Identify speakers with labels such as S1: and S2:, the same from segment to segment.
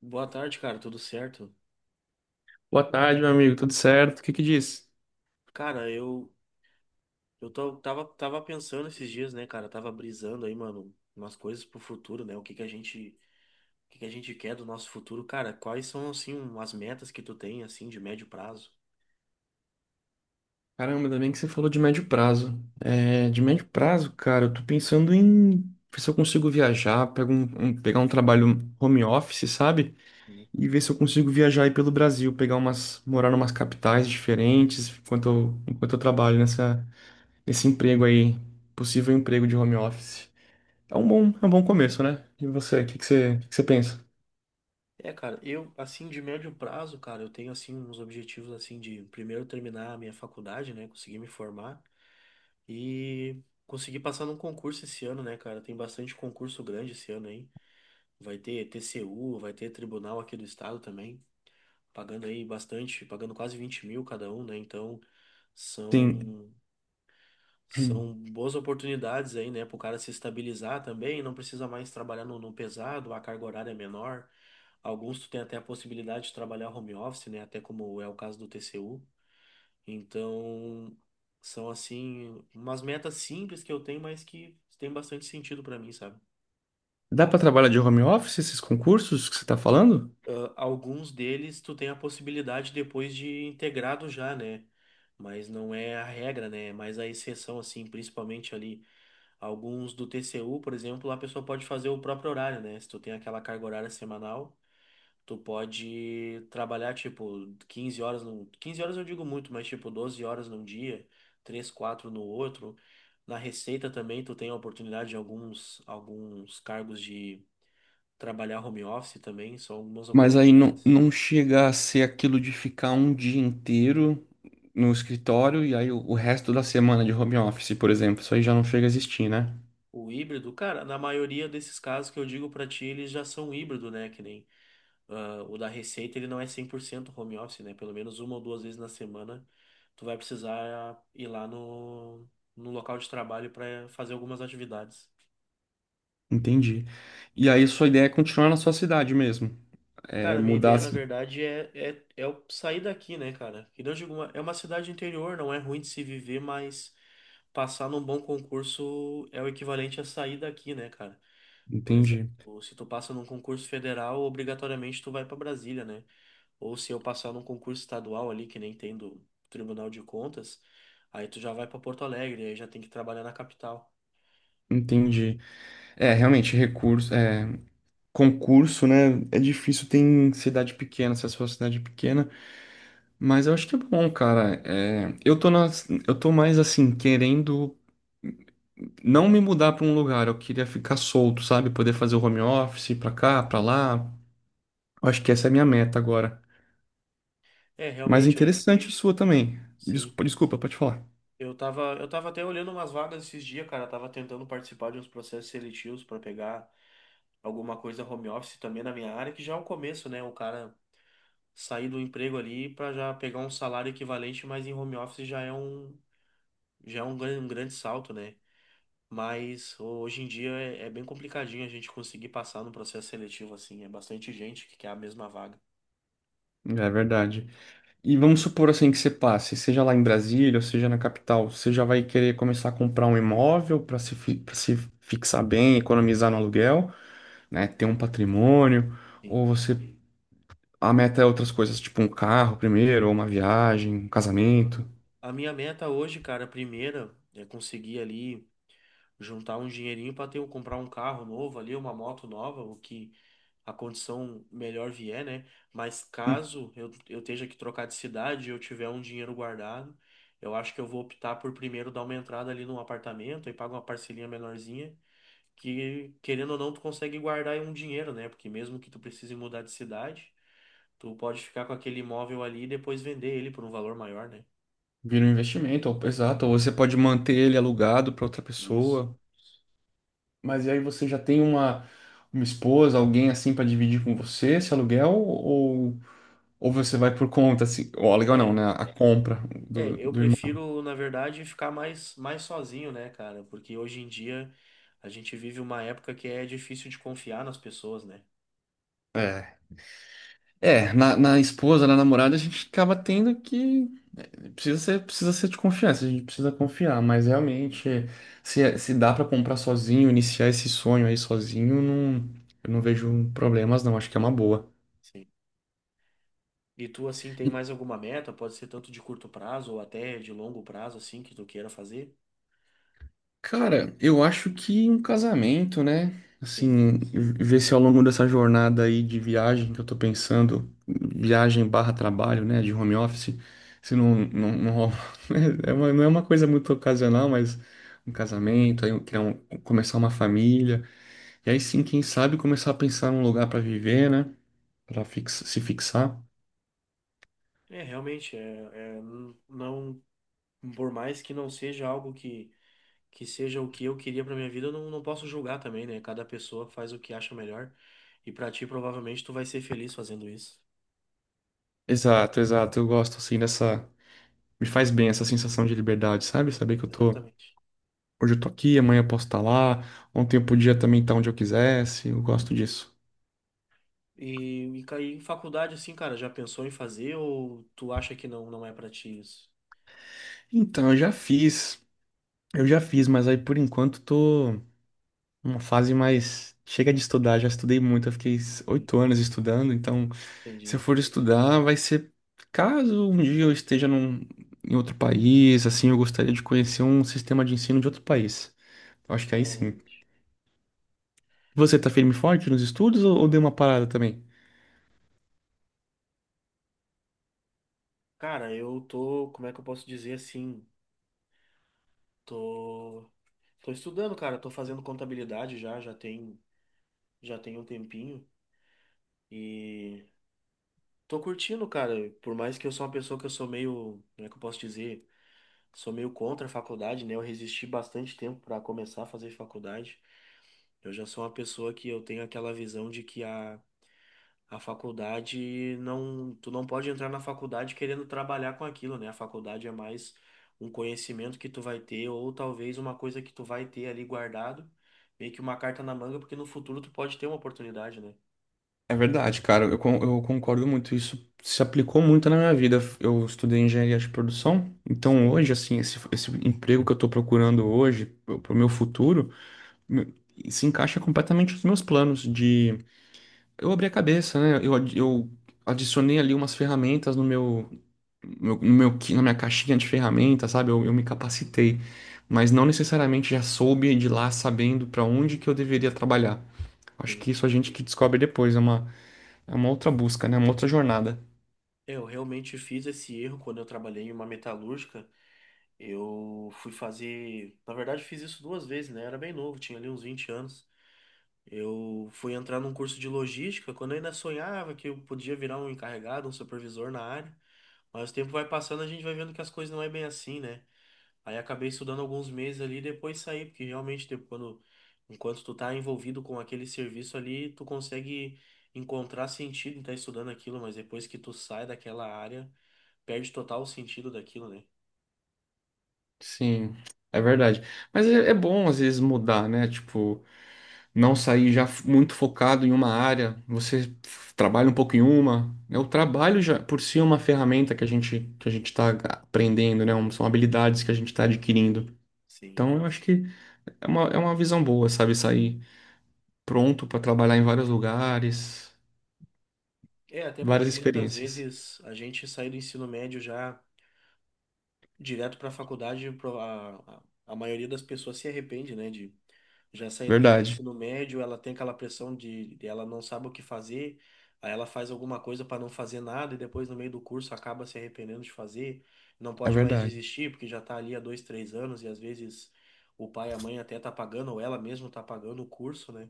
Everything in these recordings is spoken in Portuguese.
S1: Boa tarde, cara, tudo certo?
S2: Boa tarde, meu amigo, tudo certo? O que que diz?
S1: Cara, eu tava pensando esses dias, né, cara, tava brisando aí, mano, umas coisas pro futuro, né? O que que a gente o que que a gente quer do nosso futuro, cara? Quais são assim as metas que tu tem assim de médio prazo?
S2: Caramba, ainda bem que você falou de médio prazo. É, de médio prazo, cara, eu tô pensando em ver se eu consigo viajar, pegar um trabalho home office, sabe?
S1: Né?
S2: E ver se eu consigo viajar aí pelo Brasil, pegar umas, morar em umas capitais diferentes enquanto eu trabalho nessa, nesse emprego aí, possível emprego de home office. É um bom começo, né? E você, o que que você pensa?
S1: É, cara, eu assim de médio prazo, cara, eu tenho assim uns objetivos assim de primeiro terminar a minha faculdade, né, conseguir me formar e conseguir passar num concurso esse ano, né, cara? Tem bastante concurso grande esse ano aí. Vai ter TCU, vai ter tribunal aqui do estado também, pagando aí bastante, pagando quase 20 mil cada um, né? Então
S2: Sim.
S1: são, são boas oportunidades aí, né, para o cara se estabilizar também, não precisa mais trabalhar no pesado, a carga horária é menor. Alguns tu tem até a possibilidade de trabalhar home office, né? Até como é o caso do TCU. Então são assim umas metas simples que eu tenho, mas que tem bastante sentido para mim, sabe?
S2: Dá pra trabalhar de home office esses concursos que você tá falando?
S1: Ah, alguns deles tu tem a possibilidade depois de integrado já, né? Mas não é a regra, né? Mas a exceção, assim, principalmente ali, alguns do TCU, por exemplo, a pessoa pode fazer o próprio horário, né? Se tu tem aquela carga horária semanal, tu pode trabalhar, tipo, 15 horas num... 15 horas eu digo muito, mas tipo, 12 horas num dia, 3 4 no outro. Na Receita também tu tem a oportunidade de alguns cargos de trabalhar home office também, são algumas
S2: Mas aí não,
S1: oportunidades.
S2: não chega a ser aquilo de ficar um dia inteiro no escritório e aí o resto da semana de home office, por exemplo. Isso aí já não chega a existir, né?
S1: O híbrido, cara, na maioria desses casos que eu digo pra ti, eles já são híbrido, né? Que nem ah, o da Receita, ele não é 100% home office, né? Pelo menos uma ou duas vezes na semana, tu vai precisar ir lá no local de trabalho pra fazer algumas atividades.
S2: Entendi. E aí sua ideia é continuar na sua cidade mesmo. É
S1: Cara, minha
S2: mudar.
S1: ideia, na verdade, é eu sair daqui, né, cara? Que não digo, é uma cidade interior, não é ruim de se viver, mas passar num bom concurso é o equivalente a sair daqui, né, cara? Por exemplo,
S2: Entendi.
S1: se tu passa num concurso federal, obrigatoriamente tu vai para Brasília, né? Ou se eu passar num concurso estadual ali, que nem tem do Tribunal de Contas, aí tu já vai para Porto Alegre, aí já tem que trabalhar na capital.
S2: Entendi. É, realmente, concurso, né? É difícil, tem cidade pequena, se a sua cidade é pequena, mas eu acho que é bom, cara. É, eu tô mais assim, querendo. Não me mudar para um lugar, eu queria ficar solto, sabe? Poder fazer o home
S1: Sim.
S2: office ir para cá, para lá. Eu acho que essa é a minha meta agora.
S1: É,
S2: Mas
S1: realmente, eu tam-
S2: interessante sua também.
S1: sim.
S2: Desculpa, pode falar.
S1: Eu tava até olhando umas vagas esses dias, cara. Eu tava tentando participar de uns processos seletivos para pegar alguma coisa home office também na minha área, que já é o começo, né? O cara sair do emprego ali para já pegar um salário equivalente, mas em home office já é um um grande salto, né? Mas hoje em dia é bem complicadinho a gente conseguir passar no processo seletivo, assim. É bastante gente que quer a mesma vaga.
S2: É verdade. E vamos supor assim que você passe, seja lá em Brasília, ou seja na capital, você já vai querer começar a comprar um imóvel para se, pra se fixar bem, economizar no aluguel, né? Ter um patrimônio,
S1: Sim.
S2: ou você a meta é outras coisas, tipo um carro primeiro, ou uma viagem, um casamento.
S1: Ahn, a minha meta hoje, cara, a primeira é conseguir ali juntar um dinheirinho para comprar um carro novo ali, uma moto nova, o que a condição melhor vier, né? Mas caso eu esteja que trocar de cidade e eu tiver um dinheiro guardado, eu acho que eu vou optar por primeiro dar uma entrada ali num apartamento e pagar uma parcelinha menorzinha que querendo ou não, tu consegue guardar aí um dinheiro, né? Porque mesmo que tu precise mudar de cidade, tu pode ficar com aquele imóvel ali e depois vender ele por um valor maior, né?
S2: Vira um investimento, exato. Ou você pode manter ele alugado para outra
S1: Isso.
S2: pessoa. Mas e aí você já tem uma esposa, alguém assim para dividir com você esse aluguel? Ou você vai por conta, assim, o aluguel não,
S1: É,
S2: né? A compra do,
S1: eu
S2: do imóvel.
S1: prefiro, na verdade, ficar mais sozinho, né, cara? Porque hoje em dia a gente vive uma época que é difícil de confiar nas pessoas, né?
S2: É, é na, na esposa, na namorada, a gente acaba tendo que. Precisa ser de confiança, a gente precisa confiar. Mas realmente, se dá para comprar sozinho, iniciar esse sonho aí sozinho, não, eu não vejo problemas, não. Acho que é uma boa.
S1: Sim. E tu, assim, tem mais alguma meta? Pode ser tanto de curto prazo ou até de longo prazo, assim, que tu queira fazer?
S2: Cara, eu acho que um casamento, né?
S1: Sim.
S2: Assim, ver se ao longo dessa jornada aí de viagem que eu tô pensando, viagem barra trabalho, né? De home office, se não, não, não rola. Não é uma coisa muito ocasional, mas um casamento, começar uma família, e aí sim, quem sabe começar a pensar num lugar pra viver, né? Se fixar.
S1: É, realmente, é, não, por mais que não seja algo que seja o que eu queria pra minha vida, eu não, não posso julgar também, né? Cada pessoa faz o que acha melhor. E pra ti, provavelmente, tu vai ser feliz fazendo isso.
S2: Exato, exato. Eu gosto assim dessa. Me faz bem essa sensação de liberdade, sabe? Saber que eu tô.
S1: Exatamente.
S2: Hoje eu tô aqui, amanhã eu posso estar lá, ontem eu podia também estar onde eu quisesse, eu gosto disso.
S1: E em faculdade, assim, cara, já pensou em fazer ou tu acha que não é pra ti isso?
S2: Então, eu já fiz, mas aí por enquanto tô numa fase mais. Chega de estudar, já estudei muito,
S1: Sim.
S2: 8 anos estudando, então se eu
S1: Entendi.
S2: for estudar, vai ser caso um dia eu esteja num, em outro país, assim, eu gostaria de conhecer um sistema de ensino de outro país. Eu acho que
S1: É,
S2: aí sim.
S1: realmente.
S2: Você tá firme e forte nos estudos ou deu uma parada também?
S1: Cara, eu tô, como é que eu posso dizer assim? Tô, tô estudando, cara, tô fazendo contabilidade já tem um tempinho. E tô curtindo, cara. Por mais que eu sou uma pessoa que eu sou meio, como é que eu posso dizer? Sou meio contra a faculdade, né? Eu resisti bastante tempo para começar a fazer faculdade. Eu já sou uma pessoa que eu tenho aquela visão de que a faculdade não, tu não pode entrar na faculdade querendo trabalhar com aquilo, né? A faculdade é mais um conhecimento que tu vai ter ou talvez uma coisa que tu vai ter ali guardado, meio que uma carta na manga, porque no futuro tu pode ter uma oportunidade, né?
S2: É verdade, cara. Eu concordo muito. Isso se aplicou muito na minha vida. Eu estudei engenharia de produção, então
S1: Sim.
S2: hoje, assim, esse emprego que eu estou procurando hoje, para o meu futuro, me- se encaixa completamente nos meus planos de... Eu abri a cabeça, né? Eu adicionei ali umas ferramentas no meu, na minha caixinha de ferramentas, sabe? Eu me capacitei, mas não necessariamente já soube de lá sabendo para onde que eu deveria trabalhar. Acho
S1: Sim.
S2: que isso a gente que descobre depois, é uma outra busca, né? Uma outra jornada.
S1: Eu realmente fiz esse erro quando eu trabalhei em uma metalúrgica. Eu fui fazer. Na verdade, fiz isso duas vezes, né? Era bem novo, tinha ali uns 20 anos. Eu fui entrar num curso de logística quando eu ainda sonhava que eu podia virar um encarregado, um supervisor na área. Mas o tempo vai passando, a gente vai vendo que as coisas não é bem assim, né? Aí acabei estudando alguns meses ali e depois saí, porque realmente, enquanto tu tá envolvido com aquele serviço ali, tu consegue encontrar sentido em estar estudando aquilo, mas depois que tu sai daquela área, perde total o sentido daquilo, né?
S2: Sim, é verdade. Mas é, é bom às vezes mudar, né? Tipo, não sair já f- muito focado em uma área. Trabalha um pouco em uma. Né? O trabalho já por si é uma ferramenta que a gente está aprendendo, né? São habilidades que a gente está adquirindo.
S1: Sim.
S2: Então eu acho que é uma visão boa, sabe? Sair pronto para trabalhar em vários lugares,
S1: É, até porque
S2: várias
S1: muitas
S2: experiências.
S1: vezes a gente sai do ensino médio já direto para a faculdade, a maioria das pessoas se arrepende, né, de já sair do
S2: Verdade,
S1: ensino médio, ela tem aquela pressão de ela não sabe o que fazer, aí ela faz alguma coisa para não fazer nada e depois no meio do curso acaba se arrependendo de fazer, não
S2: é
S1: pode mais
S2: verdade.
S1: desistir porque já tá ali há dois, três anos e às vezes o pai e a mãe até tá pagando ou ela mesma tá pagando o curso, né?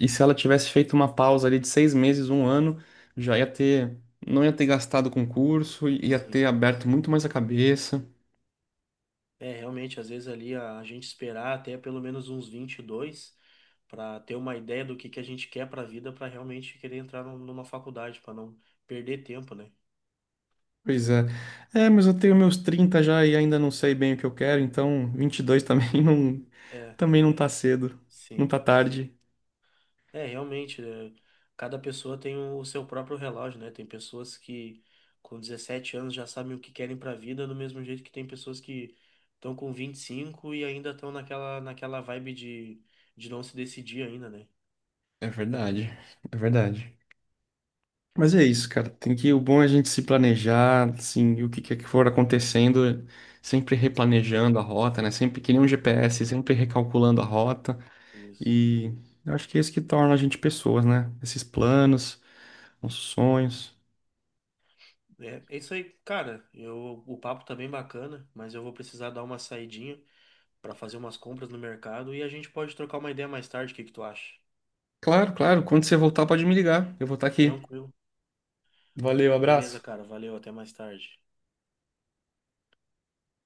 S2: E se ela tivesse feito uma pausa ali de 6 meses, um ano, já ia ter, não ia ter gastado com curso, ia
S1: Sim.
S2: ter aberto muito mais a cabeça.
S1: É, realmente, às vezes a gente esperar até pelo menos uns 22 para ter uma ideia do que a gente quer para a vida, para realmente querer entrar numa faculdade, para não perder tempo, né?
S2: Pois é. É, mas eu tenho meus 30 já e ainda não sei bem o que eu quero, então 22 também não,
S1: É,
S2: também não tá cedo, não
S1: sim.
S2: tá tarde.
S1: É, realmente, é, cada pessoa tem o seu próprio relógio, né? Tem pessoas que com 17 anos já sabem o que querem para a vida, do mesmo jeito que tem pessoas que estão com 25 e ainda estão naquela vibe de não se decidir ainda, né?
S2: É verdade, é verdade. Mas é isso, cara. Tem que, o bom é a gente se planejar, assim, e o que quer que for acontecendo, sempre replanejando a rota, né? Sempre que nem um GPS, sempre recalculando a rota.
S1: Isso.
S2: E eu acho que é isso que torna a gente pessoas, né? Esses planos, nossos sonhos.
S1: É, é isso aí, cara. Eu, o papo tá bem bacana, mas eu vou precisar dar uma saidinha pra fazer umas compras no mercado e a gente pode trocar uma ideia mais tarde, o que que tu acha?
S2: Claro, claro. Quando você voltar, pode me ligar. Eu vou estar aqui.
S1: Tranquilo.
S2: Valeu,
S1: Beleza,
S2: abraço.
S1: cara. Valeu, até mais tarde.